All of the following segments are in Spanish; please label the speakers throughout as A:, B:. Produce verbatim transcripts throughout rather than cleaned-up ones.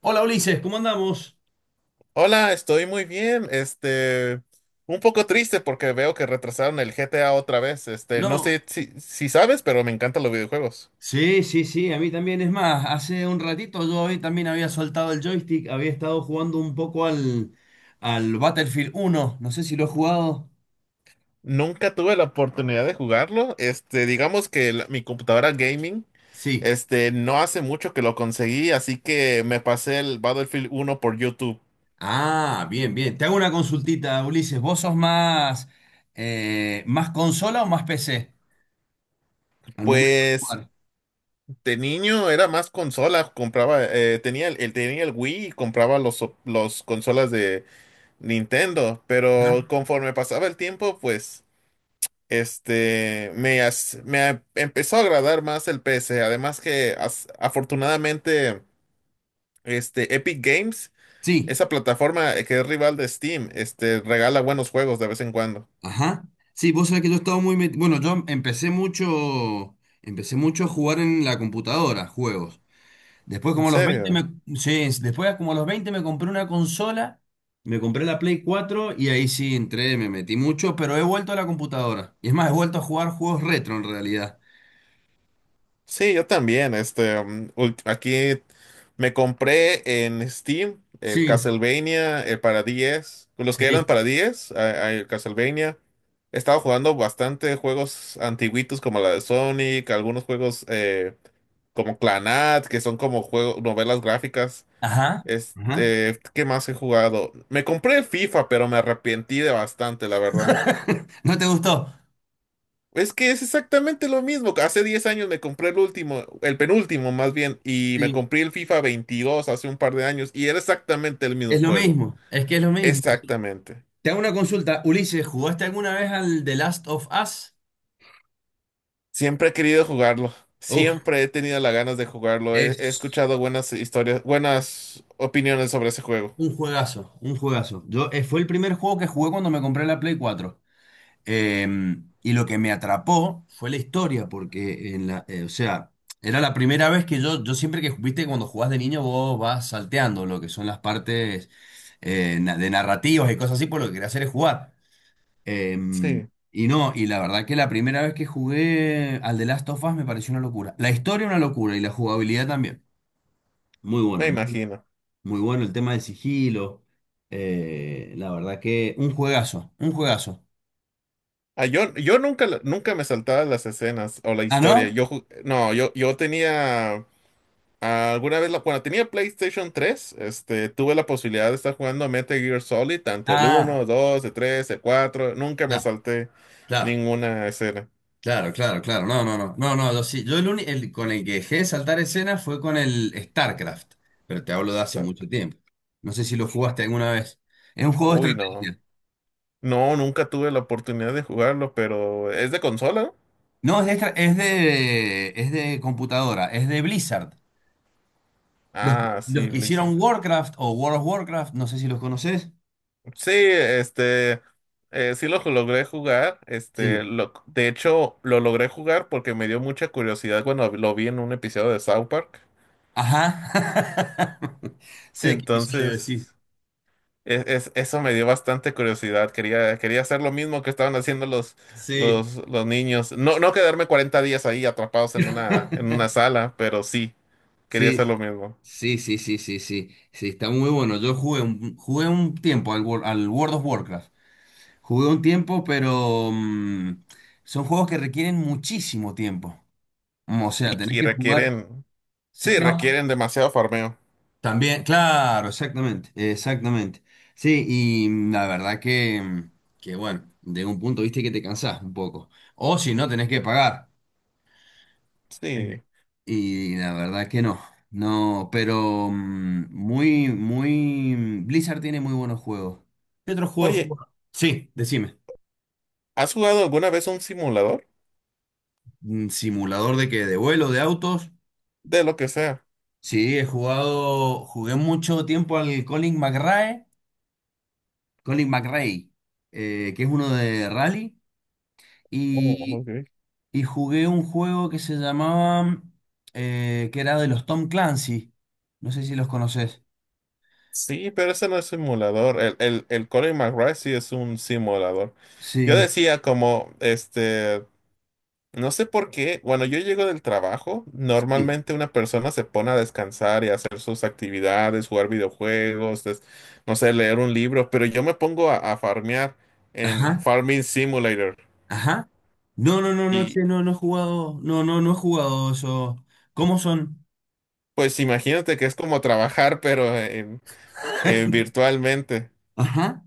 A: Hola Ulises, ¿cómo andamos?
B: Hola, estoy muy bien. Este, un poco triste porque veo que retrasaron el G T A otra vez. Este, no
A: No,
B: sé si, si sabes, pero me encantan los videojuegos.
A: sí, sí, sí, a mí también. Es más, hace un ratito yo hoy también había soltado el joystick, había estado jugando un poco al, al Battlefield uno. No sé si lo he jugado.
B: Nunca tuve la oportunidad de jugarlo. Este, digamos que la- mi computadora gaming,
A: Sí.
B: este, no hace mucho que lo conseguí, así que me pasé el Battlefield uno por YouTube.
A: Ah, bien, bien. Te hago una consultita, Ulises. ¿Vos sos más, eh, más consola o más P C al momento de
B: Pues
A: jugar?
B: de niño era más consola, compraba, eh, tenía el, el- tenía el Wii y compraba los, los consolas Nintendo, pero
A: Ajá.
B: conforme pasaba el tiempo, pues, este, me, as- me a- empezó a agradar más el P C. Además que, as- afortunadamente, este, Epic Games,
A: Sí,
B: esa plataforma que es rival de Steam, este, regala buenos juegos de vez en cuando.
A: ajá. Sí, vos sabés que yo estaba muy metido. Bueno, yo empecé mucho, empecé mucho a jugar en la computadora, juegos. Después
B: ¿En
A: como a los veinte me,
B: serio?
A: sí, después como a los veinte me compré una consola, me compré la Play cuatro y ahí sí entré, me metí mucho, pero he vuelto a la computadora. Y es más, he vuelto a jugar juegos retro en realidad.
B: Sí, yo también. Este, um, ult- aquí me compré en Steam el
A: Sí,
B: Castlevania, el para diez, los que eran
A: sí.
B: para diez, a- a- el Castlevania. He estado jugando bastante juegos antiguitos como la de Sonic, algunos juegos eh, como Clanat, que son como juegos, novelas gráficas.
A: Ajá. Ajá.
B: Este, ¿qué más he jugado? Me compré el FIFA, pero me arrepentí de bastante, la verdad.
A: ¿No te gustó?
B: Es que es exactamente lo mismo. Hace diez años me compré el último, el penúltimo más bien, y me
A: Sí.
B: compré el FIFA veintidós hace un par de años y era exactamente el
A: Es
B: mismo
A: lo
B: juego.
A: mismo, es que es lo mismo.
B: Exactamente.
A: Te hago una consulta, Ulises, ¿jugaste alguna vez al The Last of Us?
B: Siempre he querido jugarlo.
A: Uf,
B: Siempre he tenido las ganas de jugarlo. He, he
A: es
B: escuchado buenas historias, buenas opiniones sobre ese juego.
A: un juegazo, un juegazo. Yo, eh, fue el primer juego que jugué cuando me compré la Play cuatro. Em, y lo que me atrapó fue la historia, porque, en la, eh, o sea, era la primera vez que yo, yo siempre que, viste, cuando jugás de niño vos vas salteando lo que son las partes eh, na- de narrativas y cosas así, por lo que quería hacer es jugar. Em,
B: Sí,
A: y no, y la verdad que la primera vez que jugué al The Last of Us me pareció una locura. La historia una locura y la jugabilidad también. Muy
B: me
A: bueno, muy,
B: imagino.
A: muy bueno el tema del sigilo. Eh, la verdad que un juegazo, un juegazo.
B: Ah, yo, yo nunca, la- nunca me saltaba las escenas o la
A: ¿Ah,
B: historia.
A: no?
B: Yo, ju- no, yo, yo tenía. Alguna vez, la, cuando tenía PlayStation tres, este, tuve la posibilidad de estar jugando Metal Gear Solid, tanto el uno,
A: Ah.
B: dos, el tres, el cuatro. Nunca me
A: Da.
B: salté
A: Claro,
B: ninguna escena.
A: claro, claro, claro. No, no, no. No, no, yo sí. Yo el, uni- el con el que dejé de saltar escenas fue con el StarCraft, pero te hablo de hace
B: Está-
A: mucho tiempo. No sé si lo jugaste alguna vez. Es un juego de
B: Uy, no.
A: estrategia.
B: No, nunca tuve la oportunidad de jugarlo, pero es de consola, ¿no?
A: No, es de, estra- es de, es de computadora, es de Blizzard. Los,
B: Ah,
A: los
B: sí,
A: que
B: Blizzard.
A: hicieron Warcraft o World of Warcraft, no sé si los conoces.
B: Sí, este, eh, sí lo logré jugar. Este,
A: Sí.
B: lo, de hecho, lo logré jugar porque me dio mucha curiosidad cuando lo vi en un episodio de South Park.
A: Ajá. Sé qué episodio
B: Entonces,
A: decís.
B: Es- es- eso me dio bastante curiosidad. Quería, quería hacer lo mismo que estaban haciendo los,
A: Sí.
B: los, los niños. No, no quedarme cuarenta días ahí atrapados en una, en una sala, pero sí, quería
A: Sí.
B: hacer lo mismo.
A: Sí, sí, sí, sí, sí, sí, está muy bueno. Yo jugué un, jugué un tiempo al, Wor- al World of Warcraft. Jugué un tiempo, pero mm, son juegos que requieren muchísimo tiempo. Mm, O sea, tenés
B: Y, y
A: que jugar.
B: requieren,
A: Sí,
B: sí,
A: no,
B: requieren demasiado farmeo.
A: también, claro, exactamente, exactamente. Sí, y mm, la verdad que, mm, que bueno, de un punto viste que te cansás un poco. O si no, tenés que pagar.
B: Sí.
A: Y la verdad que no, no, pero mm, muy, muy... Blizzard tiene muy buenos juegos. ¿Qué otros juegos has...
B: Oye,
A: Sí, decime.
B: ¿has jugado alguna vez un simulador?
A: Mm, ¿Simulador de que ¿De vuelo? ¿De autos?
B: De lo que sea.
A: Sí, he jugado, jugué mucho tiempo al Colin McRae, Colin McRae, eh, que es uno de rally,
B: Oh,
A: y,
B: ok.
A: y jugué un juego que se llamaba, eh, que era de los Tom Clancy, no sé si los conoces.
B: Sí, pero ese no es simulador. El, el, el Colin McRae sí es un simulador. Yo
A: Sí,
B: decía como, este. no sé por qué, bueno, yo llego del trabajo,
A: sí.
B: normalmente una persona se pone a descansar y a hacer sus actividades, jugar videojuegos, des- no sé, leer un libro, pero yo me pongo a, a farmear en
A: Ajá.
B: Farming Simulator.
A: Ajá. No, no, no, no,
B: Y
A: che, no, no he jugado. No, no, no he jugado eso. ¿Cómo son?
B: pues imagínate que es como trabajar, pero en, eh, virtualmente.
A: Ajá.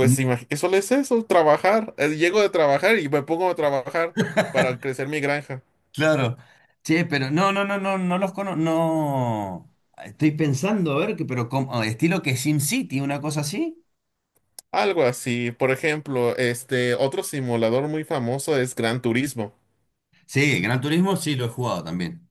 A: Mm.
B: imag- que solo es eso, trabajar. Eh, Llego de trabajar y me pongo a trabajar para crecer mi granja.
A: Claro. Che, pero no, no, no, no, no los conozco. No. Estoy pensando, a ver, que, pero como, ah, estilo que SimCity, una cosa así.
B: Algo así. Por ejemplo, este otro simulador muy famoso es Gran Turismo.
A: Sí, Gran Turismo sí lo he jugado también.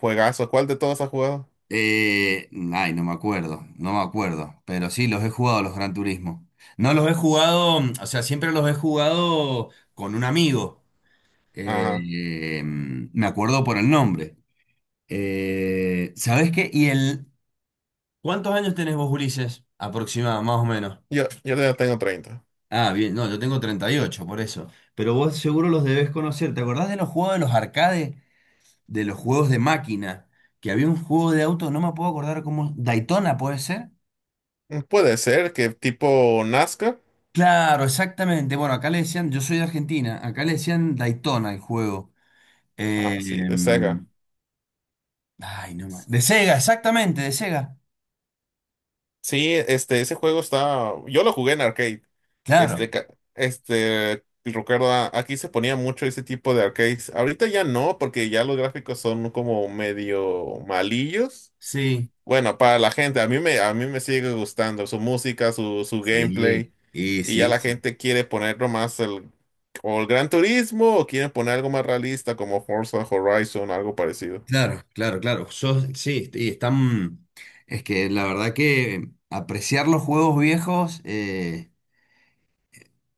B: Juegazo. ¿Cuál de todos has jugado?
A: Eh, ay, no me acuerdo, no me acuerdo, pero sí los he jugado los Gran Turismo. No los he jugado, mm, o sea, siempre los he jugado con un amigo.
B: Ajá.
A: Eh, mm, me acuerdo por el nombre. Eh, ¿sabés qué? Y el... ¿Cuántos años tenés vos, Ulises? Aproximado, más o menos.
B: Yo, yo ya tengo treinta.
A: Ah, bien, no, yo tengo treinta y ocho, por eso. Pero vos seguro los debés conocer. ¿Te acordás de los juegos de los arcades? De los juegos de máquina. Que había un juego de auto, no me puedo acordar cómo... Daytona, ¿puede ser?
B: Puede ser que tipo nascar.
A: Claro, exactamente. Bueno, acá le decían, yo soy de Argentina, acá le decían Daytona el juego.
B: Ah,
A: Eh,
B: sí, de Sega.
A: em, ay, no más. De Sega, exactamente, de Sega.
B: Sí, este, ese juego está. Yo lo jugué en arcade.
A: Claro.
B: Este, ca- este, recuerdo, a- aquí se ponía mucho ese tipo de arcades. Ahorita ya no, porque ya los gráficos son como medio malillos.
A: Sí.
B: Bueno, para la gente, a mí me, a mí me sigue gustando su música, su, su
A: Sí,
B: gameplay,
A: y
B: y ya
A: sí,
B: la
A: sí.
B: gente quiere ponerlo más el, o el Gran Turismo, o quieren poner algo más realista como Forza Horizon, algo parecido.
A: Claro, claro, claro. Yo, sí, y están. Es que la verdad que apreciar los juegos viejos, eh,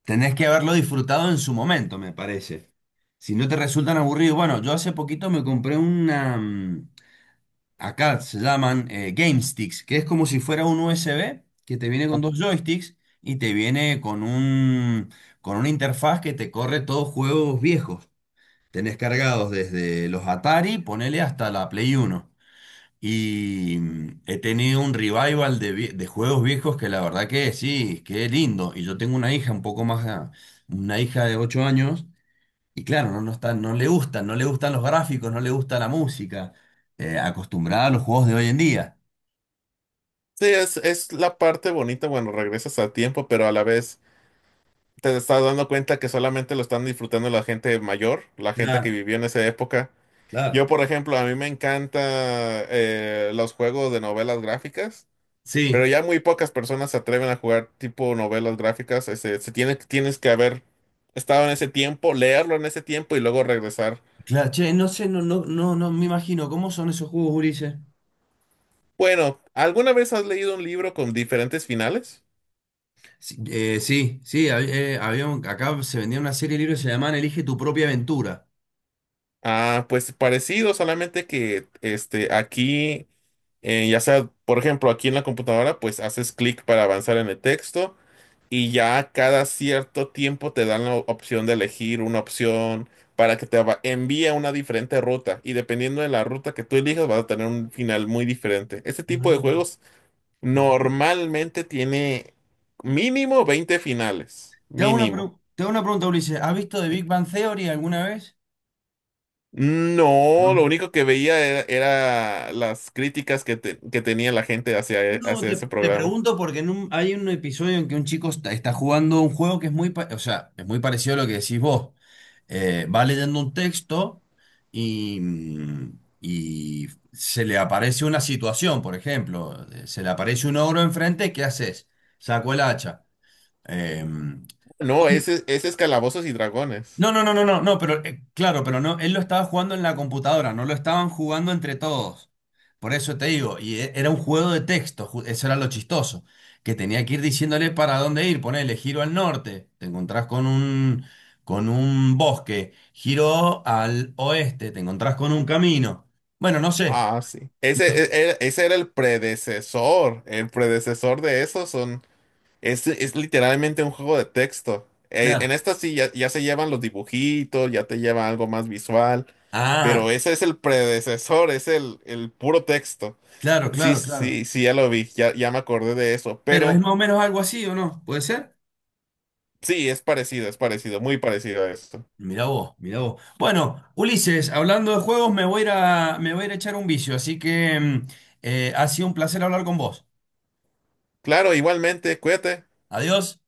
A: tenés que haberlo disfrutado en su momento, me parece. Si no te resultan aburridos, bueno, yo hace poquito me compré una. mm, Acá se llaman eh, Game Sticks, que es como si fuera un U S B que te viene con dos joysticks y te viene con un, con una interfaz que te corre todos juegos viejos. Tenés cargados desde los Atari, ponele hasta la Play Uno. Y mm, he tenido un revival de, vie- de juegos viejos que la verdad que sí, que lindo. Y yo tengo una hija un poco más, ah, una hija de ocho años, y claro, no, no está, no le gustan, no le gustan los gráficos, no le gusta la música, eh, acostumbrada a los juegos de hoy en día.
B: Sí, es, es la parte bonita, bueno, regresas a tiempo, pero a la vez te estás dando cuenta que solamente lo están disfrutando la gente mayor, la gente que
A: Claro,
B: vivió en esa época.
A: claro.
B: Yo, por ejemplo, a mí me encanta, eh, los juegos de novelas gráficas. Pero
A: Sí,
B: ya muy pocas personas se atreven a jugar tipo novelas gráficas. Ese, se tiene, tienes que haber estado en ese tiempo, leerlo en ese tiempo y luego regresar.
A: claro, che, no sé, no, no, no, no me imagino, ¿cómo son esos juegos, Ulises?
B: Bueno, ¿alguna vez has leído un libro con diferentes finales?
A: Sí, eh, sí, sí, hab- eh, había un- acá se vendía una serie de libros que se llamaban Elige tu propia aventura.
B: Ah, pues parecido, solamente que este, aquí, eh, ya sea, por ejemplo, aquí en la computadora, pues haces clic para avanzar en el texto y ya cada cierto tiempo te dan la opción de elegir una opción para que te va- envíe a una diferente ruta y dependiendo de la ruta que tú elijas vas a tener un final muy diferente. Este tipo de juegos
A: Ah.
B: normalmente tiene mínimo veinte finales,
A: Te hago una,
B: mínimo.
A: pregu- te hago una pregunta, Ulises. ¿Has visto The
B: Eh,
A: Big Bang Theory alguna vez? No.
B: No, lo único que veía era, era las críticas que, te- que tenía la gente hacia, e-
A: No,
B: hacia
A: te,
B: ese
A: te
B: programa.
A: pregunto porque en un- hay un episodio en que un chico está, está jugando un juego que es muy, pa- o sea, es muy parecido a lo que decís vos. Eh, va leyendo un texto y, mm, y se le aparece una situación, por ejemplo, eh, se le aparece un ogro enfrente, ¿qué haces? Saco el hacha. Eh,
B: No, ese, ese es Calabozos y Dragones.
A: No, no, no, no, no, no, pero eh, claro, pero no, él lo estaba jugando en la computadora, no lo estaban jugando entre todos. Por eso te digo, y e- era un juego de texto, ju- eso era lo chistoso, que tenía que ir diciéndole para dónde ir, ponele, giro al norte, te encontrás con un, con un bosque, giro al oeste, te encontrás con un camino. Bueno, no sé,
B: Ah, sí. Ese, e- e- ese era el predecesor. El predecesor de eso son. Es, es literalmente un juego de texto. Eh, en
A: claro.
B: esta sí ya, ya se llevan los dibujitos, ya te lleva algo más visual. Pero
A: Ah,
B: ese es el predecesor, es el, el puro texto.
A: claro,
B: Sí,
A: claro, claro.
B: sí, sí, ya lo vi, ya, ya me acordé de eso.
A: Pero es
B: Pero
A: más o menos algo así, ¿o no? ¿Puede ser?
B: sí, es parecido, es parecido, muy parecido a esto.
A: Mirá vos, mirá vos. Bueno, Ulises, hablando de juegos, me voy a ir a, me voy a ir a echar un vicio, así que mm, eh, ha sido un placer hablar con vos.
B: Claro, igualmente, cuídate.
A: Adiós.